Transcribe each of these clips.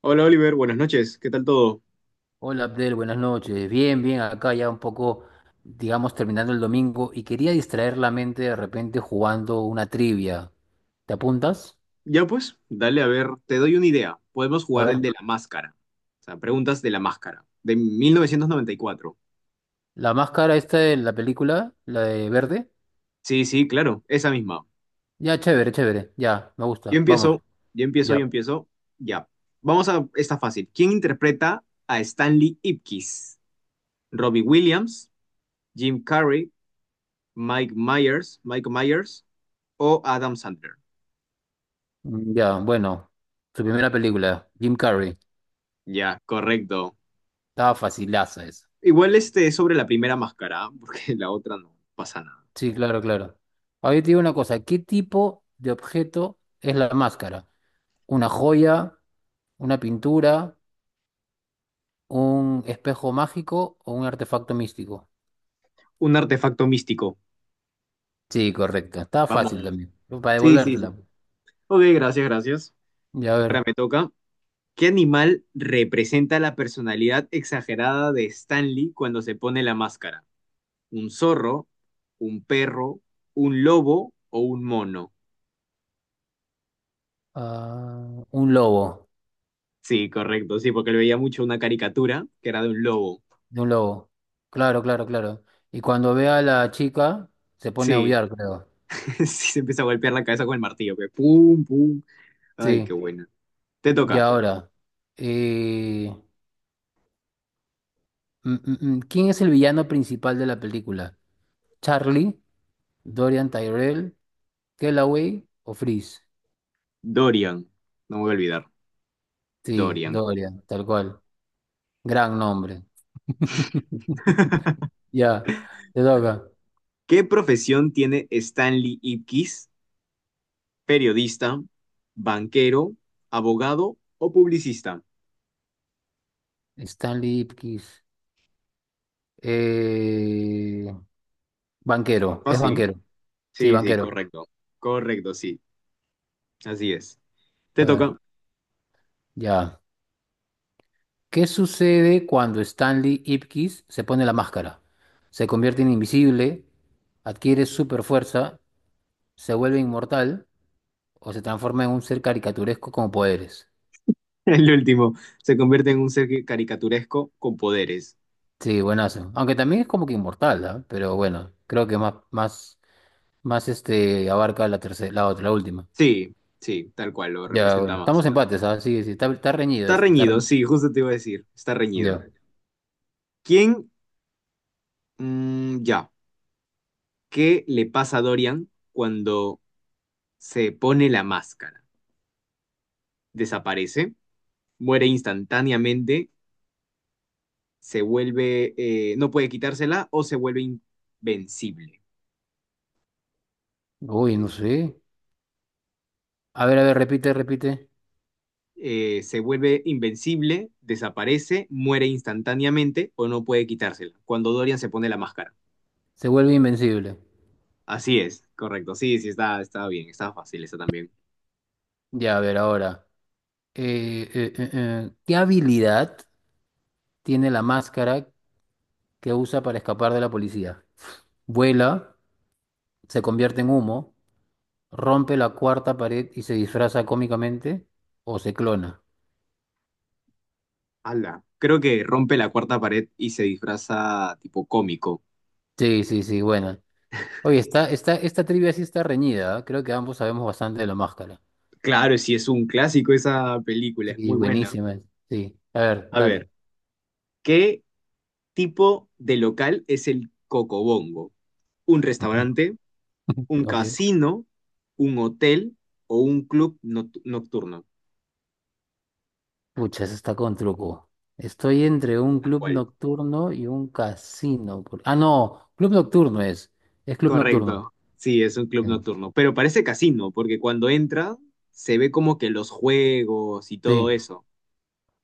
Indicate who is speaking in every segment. Speaker 1: Hola Oliver, buenas noches, ¿qué tal todo?
Speaker 2: Hola Abdel, buenas noches. Bien, bien, acá ya un poco, digamos, terminando el domingo y quería distraer la mente de repente jugando una trivia. ¿Te apuntas?
Speaker 1: Ya pues, dale a ver, te doy una idea. Podemos
Speaker 2: A
Speaker 1: jugar el
Speaker 2: ver,
Speaker 1: de la máscara. O sea, preguntas de la máscara, de 1994.
Speaker 2: la máscara esta de la película, la de verde.
Speaker 1: Sí, sí, claro, esa misma.
Speaker 2: Ya, chévere, chévere, ya, me
Speaker 1: Yo
Speaker 2: gusta. Vamos,
Speaker 1: empiezo, yo empiezo,
Speaker 2: ya.
Speaker 1: yo empiezo. Ya. Vamos a esta fácil. ¿Quién interpreta a Stanley Ipkiss? ¿Robbie Williams, Jim Carrey, Michael Myers o Adam Sandler?
Speaker 2: Ya, bueno, su primera película, Jim Carrey.
Speaker 1: Ya, correcto.
Speaker 2: Estaba facilaza esa.
Speaker 1: Igual este es sobre la primera máscara, porque la otra no pasa nada.
Speaker 2: Sí, claro, claro. Ahora yo te digo una cosa, ¿qué tipo de objeto es la máscara? ¿Una joya? ¿Una pintura? ¿Un espejo mágico o un artefacto místico?
Speaker 1: Un artefacto místico.
Speaker 2: Sí, correcto. Está
Speaker 1: Vamos.
Speaker 2: fácil también. Para
Speaker 1: Sí, sí,
Speaker 2: devolvértela,
Speaker 1: sí.
Speaker 2: pues.
Speaker 1: Ok, gracias, gracias.
Speaker 2: Y a
Speaker 1: Ahora
Speaker 2: ver.
Speaker 1: me toca. ¿Qué animal representa la personalidad exagerada de Stanley cuando se pone la máscara? ¿Un zorro, un perro, un lobo o un mono?
Speaker 2: Un lobo.
Speaker 1: Sí, correcto, sí, porque le veía mucho una caricatura que era de un lobo.
Speaker 2: De un lobo. Claro, claro, claro. Y cuando ve a la chica, se pone a
Speaker 1: Sí,
Speaker 2: aullar, creo.
Speaker 1: sí, se empieza a golpear la cabeza con el martillo, que pum, pum. Ay, qué
Speaker 2: Sí.
Speaker 1: buena. Te
Speaker 2: Y
Speaker 1: toca.
Speaker 2: ahora eh, ¿quién es el villano principal de la película? ¿Charlie? ¿Dorian Tyrell? ¿Kellaway o Freeze?
Speaker 1: Dorian, no me voy a olvidar.
Speaker 2: Sí,
Speaker 1: Dorian.
Speaker 2: Dorian, tal cual. Gran nombre. Ya, te toca.
Speaker 1: ¿Qué profesión tiene Stanley Ipkiss? Periodista, banquero, abogado o publicista.
Speaker 2: Stanley Ipkiss. Eh, Banquero, es
Speaker 1: Fácil.
Speaker 2: banquero. Sí,
Speaker 1: Sí, sí,
Speaker 2: banquero.
Speaker 1: correcto. Correcto, sí. Así es.
Speaker 2: A
Speaker 1: Te
Speaker 2: ver,
Speaker 1: toca.
Speaker 2: ya. ¿Qué sucede cuando Stanley Ipkiss se pone la máscara? ¿Se convierte en invisible? ¿Adquiere super fuerza? ¿Se vuelve inmortal? ¿O se transforma en un ser caricaturesco con poderes?
Speaker 1: El último. Se convierte en un ser caricaturesco con poderes.
Speaker 2: Sí, buenazo. Aunque también es como que inmortal, ¿ah? Pero bueno, creo que más este abarca la tercera, la otra, la última.
Speaker 1: Sí, sí, tal cual, lo
Speaker 2: Ya,
Speaker 1: representa
Speaker 2: bueno. Estamos
Speaker 1: más.
Speaker 2: empates, ¿ah? Sí, sí, está reñido
Speaker 1: Está
Speaker 2: esto, está
Speaker 1: reñido,
Speaker 2: reñido.
Speaker 1: sí, justo te iba a decir. Está reñido.
Speaker 2: Ya.
Speaker 1: ¿Quién? Ya. ¿Qué le pasa a Dorian cuando se pone la máscara? ¿Desaparece? ¿Muere instantáneamente? Se vuelve, no puede quitársela o se vuelve invencible.
Speaker 2: Uy, no sé. A ver, repite, repite.
Speaker 1: Se vuelve invencible, desaparece, muere instantáneamente o no puede quitársela. Cuando Dorian se pone la máscara.
Speaker 2: Se vuelve invencible.
Speaker 1: Así es, correcto. Sí, sí, está, está bien, está fácil, esa también.
Speaker 2: Ya, a ver, ahora. ¿Qué habilidad tiene la máscara que usa para escapar de la policía? ¿Vuela? ¿Se convierte en humo? ¿Rompe la cuarta pared y se disfraza cómicamente? ¿O se clona?
Speaker 1: Ala, creo que rompe la cuarta pared y se disfraza tipo cómico.
Speaker 2: Sí, sí, sí, buena. Oye, esta trivia sí está reñida, ¿ah? Creo que ambos sabemos bastante de la máscara.
Speaker 1: Claro, sí, es un clásico esa película, es
Speaker 2: Sí,
Speaker 1: muy buena.
Speaker 2: buenísima. Sí, a ver,
Speaker 1: A ver,
Speaker 2: dale.
Speaker 1: ¿qué tipo de local es el Cocobongo? ¿Un restaurante? ¿Un
Speaker 2: Ok.
Speaker 1: casino, un hotel o un club nocturno?
Speaker 2: Pucha, eso está con truco. Estoy entre un
Speaker 1: Tal
Speaker 2: club
Speaker 1: cual.
Speaker 2: nocturno y un casino. Ah, no, club nocturno es. Es club nocturno.
Speaker 1: Correcto. Sí, es un club
Speaker 2: Sí,
Speaker 1: nocturno. Pero parece casino, porque cuando entra se ve como que los juegos y todo
Speaker 2: sí,
Speaker 1: eso.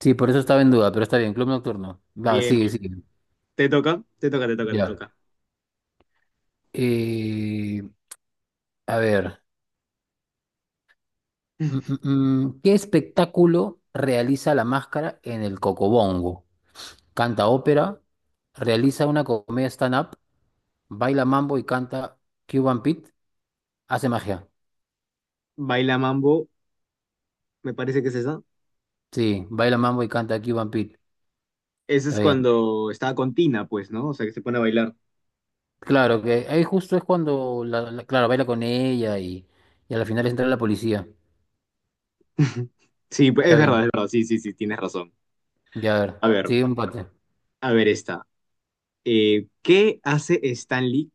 Speaker 2: sí, por eso estaba en duda, pero está bien, club nocturno. Va,
Speaker 1: Bien,
Speaker 2: sigue,
Speaker 1: bien, bien.
Speaker 2: sigue.
Speaker 1: ¿Te toca? Te toca, te toca, te
Speaker 2: Ya.
Speaker 1: toca.
Speaker 2: Eh, a ver, mm, mm, mm, ¿Qué espectáculo realiza la máscara en el Cocobongo? ¿Canta ópera? ¿Realiza una comedia stand-up? ¿Baila mambo y canta Cuban Pete? ¿Hace magia?
Speaker 1: Baila mambo, me parece que es esa.
Speaker 2: Sí, baila mambo y canta Cuban Pete.
Speaker 1: Ese es
Speaker 2: Está...
Speaker 1: cuando estaba con Tina, pues, ¿no? O sea, que se pone a bailar.
Speaker 2: Claro, que ahí justo es cuando, claro, baila con ella y a la final entra la policía.
Speaker 1: Sí, pues, es
Speaker 2: Está bien,
Speaker 1: verdad, es verdad. Sí, sí, sí, tienes razón.
Speaker 2: ya a
Speaker 1: A
Speaker 2: ver,
Speaker 1: ver,
Speaker 2: sigue un empate.
Speaker 1: a ver esta. ¿Qué hace Stanley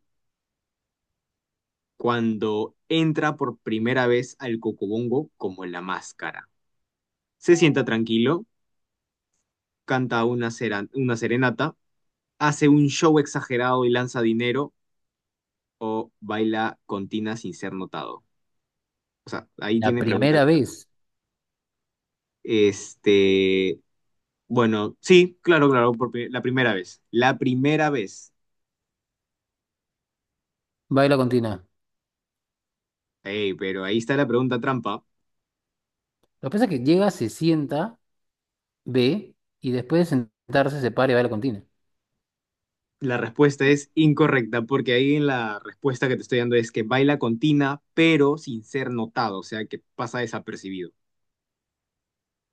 Speaker 1: cuando entra por primera vez al Cocobongo como la máscara? Se sienta tranquilo, canta una, una serenata, hace un show exagerado y lanza dinero o baila con Tina sin ser notado. O sea, ahí
Speaker 2: La
Speaker 1: tiene pregunta.
Speaker 2: primera vez
Speaker 1: Este, bueno, sí, claro, claro, la primera vez. La primera vez.
Speaker 2: baila con Tina.
Speaker 1: Ey, pero ahí está la pregunta trampa.
Speaker 2: Lo que pasa es que llega, se sienta, ve y después de sentarse se para y baila con Tina.
Speaker 1: La respuesta es incorrecta, porque ahí en la respuesta que te estoy dando es que baila con Tina, pero sin ser notado, o sea, que pasa desapercibido.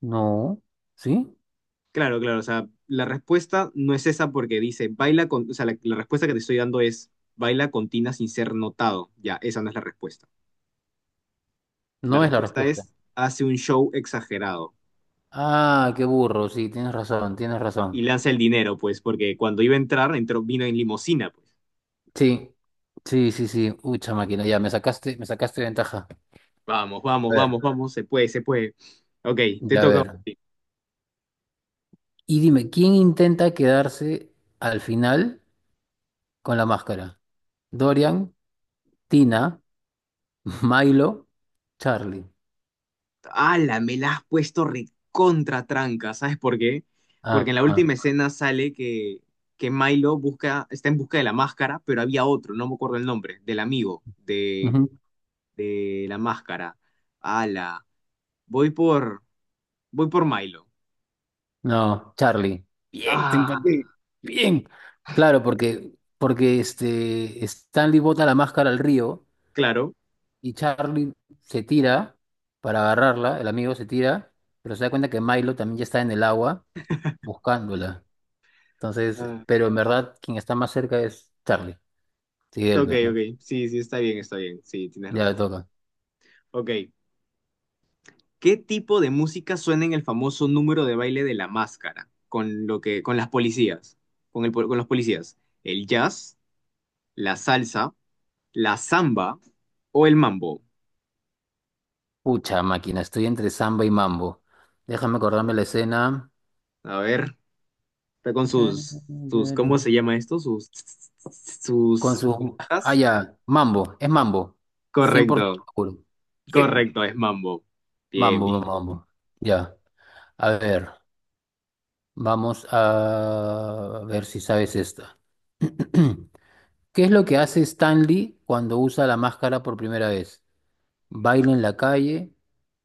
Speaker 2: No, ¿sí?
Speaker 1: Claro, claro, o sea, la respuesta no es esa porque dice baila con, o sea, la respuesta que te estoy dando es baila con Tina sin ser notado. Ya, esa no es la respuesta. La
Speaker 2: No es la
Speaker 1: respuesta
Speaker 2: respuesta.
Speaker 1: es hace un show exagerado
Speaker 2: Ah, qué burro, sí, tienes razón, tienes
Speaker 1: y
Speaker 2: razón.
Speaker 1: lanza el dinero, pues, porque cuando iba a entrar, entró, vino en limusina, pues.
Speaker 2: Sí, sí, sí, sí. Ucha máquina, ya me sacaste ventaja.
Speaker 1: Vamos, vamos,
Speaker 2: A ver,
Speaker 1: vamos, vamos, se puede, se puede. Ok, te
Speaker 2: ya a
Speaker 1: toca.
Speaker 2: ver. Y dime, ¿quién intenta quedarse al final con la máscara? Dorian, Tina, Milo, Charlie.
Speaker 1: Ala, me la has puesto recontra tranca, ¿sabes por qué? Porque
Speaker 2: Ah,
Speaker 1: en la
Speaker 2: ah,
Speaker 1: última escena sale que Milo busca, está en busca de la máscara, pero había otro, no me acuerdo el nombre, del amigo
Speaker 2: ujú.
Speaker 1: de la máscara. Ala, voy por, voy por Milo.
Speaker 2: No, Charlie. Bien, te
Speaker 1: Ah,
Speaker 2: empaté. Bien. Claro, porque, porque este, Stanley bota la máscara al río
Speaker 1: claro.
Speaker 2: y Charlie se tira para agarrarla, el amigo se tira, pero se da cuenta que Milo también ya está en el agua buscándola. Entonces,
Speaker 1: Ah,
Speaker 2: pero en verdad quien está más cerca es Charlie. Sí, él,
Speaker 1: ok,
Speaker 2: pues, ¿no?
Speaker 1: ok, sí, sí, está bien, sí, tienes
Speaker 2: Ya le
Speaker 1: razón.
Speaker 2: toca.
Speaker 1: Ok, ¿qué tipo de música suena en el famoso número de baile de la máscara con lo que con las policías, con el con los policías? ¿El jazz, la salsa, la samba o el mambo?
Speaker 2: Pucha máquina, estoy entre samba y mambo. Déjame acordarme la escena.
Speaker 1: A ver, está con sus sus ¿cómo se llama esto? Sus
Speaker 2: Con
Speaker 1: sus
Speaker 2: su... Ah,
Speaker 1: sonajas.
Speaker 2: ya, mambo, es mambo. 100%
Speaker 1: Correcto.
Speaker 2: seguro. Bien.
Speaker 1: Correcto, es mambo. Bien, bien.
Speaker 2: Mambo, mambo. Ya, a ver, vamos a ver si sabes esta. ¿Qué es lo que hace Stanley cuando usa la máscara por primera vez? ¿Baila en la calle?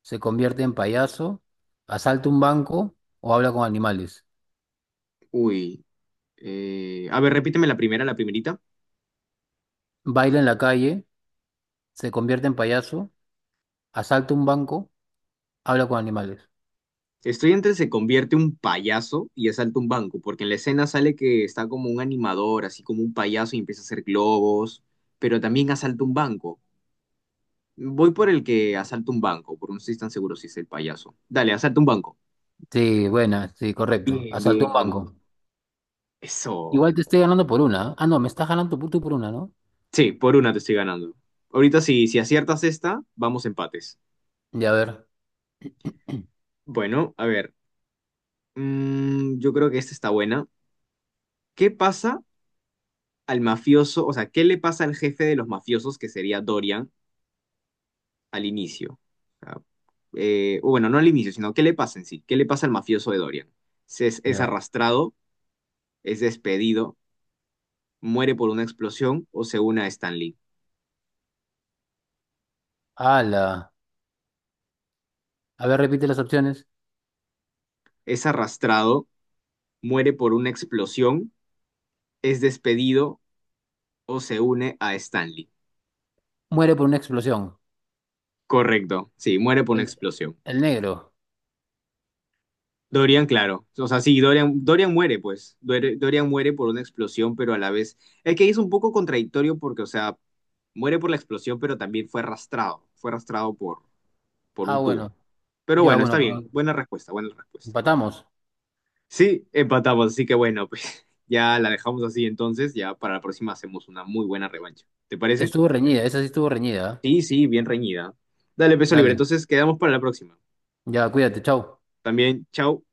Speaker 2: ¿Se convierte en payaso? ¿Asalta un banco? ¿O habla con animales?
Speaker 1: Uy, a ver, repíteme la primera, la primerita.
Speaker 2: Baila en la calle, se convierte en payaso, asalta un banco, habla con animales.
Speaker 1: Estoy entre se convierte un payaso y asalta un banco, porque en la escena sale que está como un animador, así como un payaso y empieza a hacer globos, pero también asalta un banco. Voy por el que asalta un banco, porque no estoy tan seguro si es el payaso. Dale, asalta un banco.
Speaker 2: Sí, buena, sí, correcto.
Speaker 1: Bien,
Speaker 2: Asaltó un
Speaker 1: bien, vamos.
Speaker 2: banco.
Speaker 1: Eso.
Speaker 2: Igual te estoy ganando por una, ¿eh? Ah, no, me estás ganando tú por una, ¿no?
Speaker 1: Sí, por una te estoy ganando. Ahorita si, si aciertas esta, vamos empates.
Speaker 2: Ya, a ver,
Speaker 1: Bueno, a ver. Yo creo que esta está buena. ¿Qué pasa al mafioso? O sea, ¿qué le pasa al jefe de los mafiosos, que sería Dorian? Al inicio. O sea, o bueno, no al inicio, sino qué le pasa en sí, qué le pasa al mafioso de Dorian. Es
Speaker 2: ya.
Speaker 1: arrastrado, es despedido, muere por una explosión o se une a Stan Lee.
Speaker 2: Ala. A ver, repite las opciones.
Speaker 1: Es arrastrado, muere por una explosión, es despedido o se une a Stan Lee.
Speaker 2: Muere por una explosión.
Speaker 1: Correcto, sí, muere por una
Speaker 2: El,
Speaker 1: explosión.
Speaker 2: el negro.
Speaker 1: Dorian, claro. O sea, sí, Dorian, Dorian muere, pues. Dorian muere por una explosión, pero a la vez. Es que es un poco contradictorio porque, o sea, muere por la explosión, pero también fue arrastrado. Fue arrastrado por
Speaker 2: Ah,
Speaker 1: un tubo.
Speaker 2: bueno.
Speaker 1: Pero
Speaker 2: Ya,
Speaker 1: bueno,
Speaker 2: bueno,
Speaker 1: está bien.
Speaker 2: pero
Speaker 1: Buena respuesta, buena respuesta.
Speaker 2: empatamos.
Speaker 1: Sí, empatamos, así que bueno, pues ya la dejamos así entonces. Ya para la próxima hacemos una muy buena revancha. ¿Te parece?
Speaker 2: Estuvo reñida, esa sí estuvo reñida.
Speaker 1: Sí, sí, bien reñida. Dale,
Speaker 2: ¿Eh?
Speaker 1: peso libre.
Speaker 2: Dale.
Speaker 1: Entonces quedamos para la próxima.
Speaker 2: Ya, cuídate, chao.
Speaker 1: También, chao.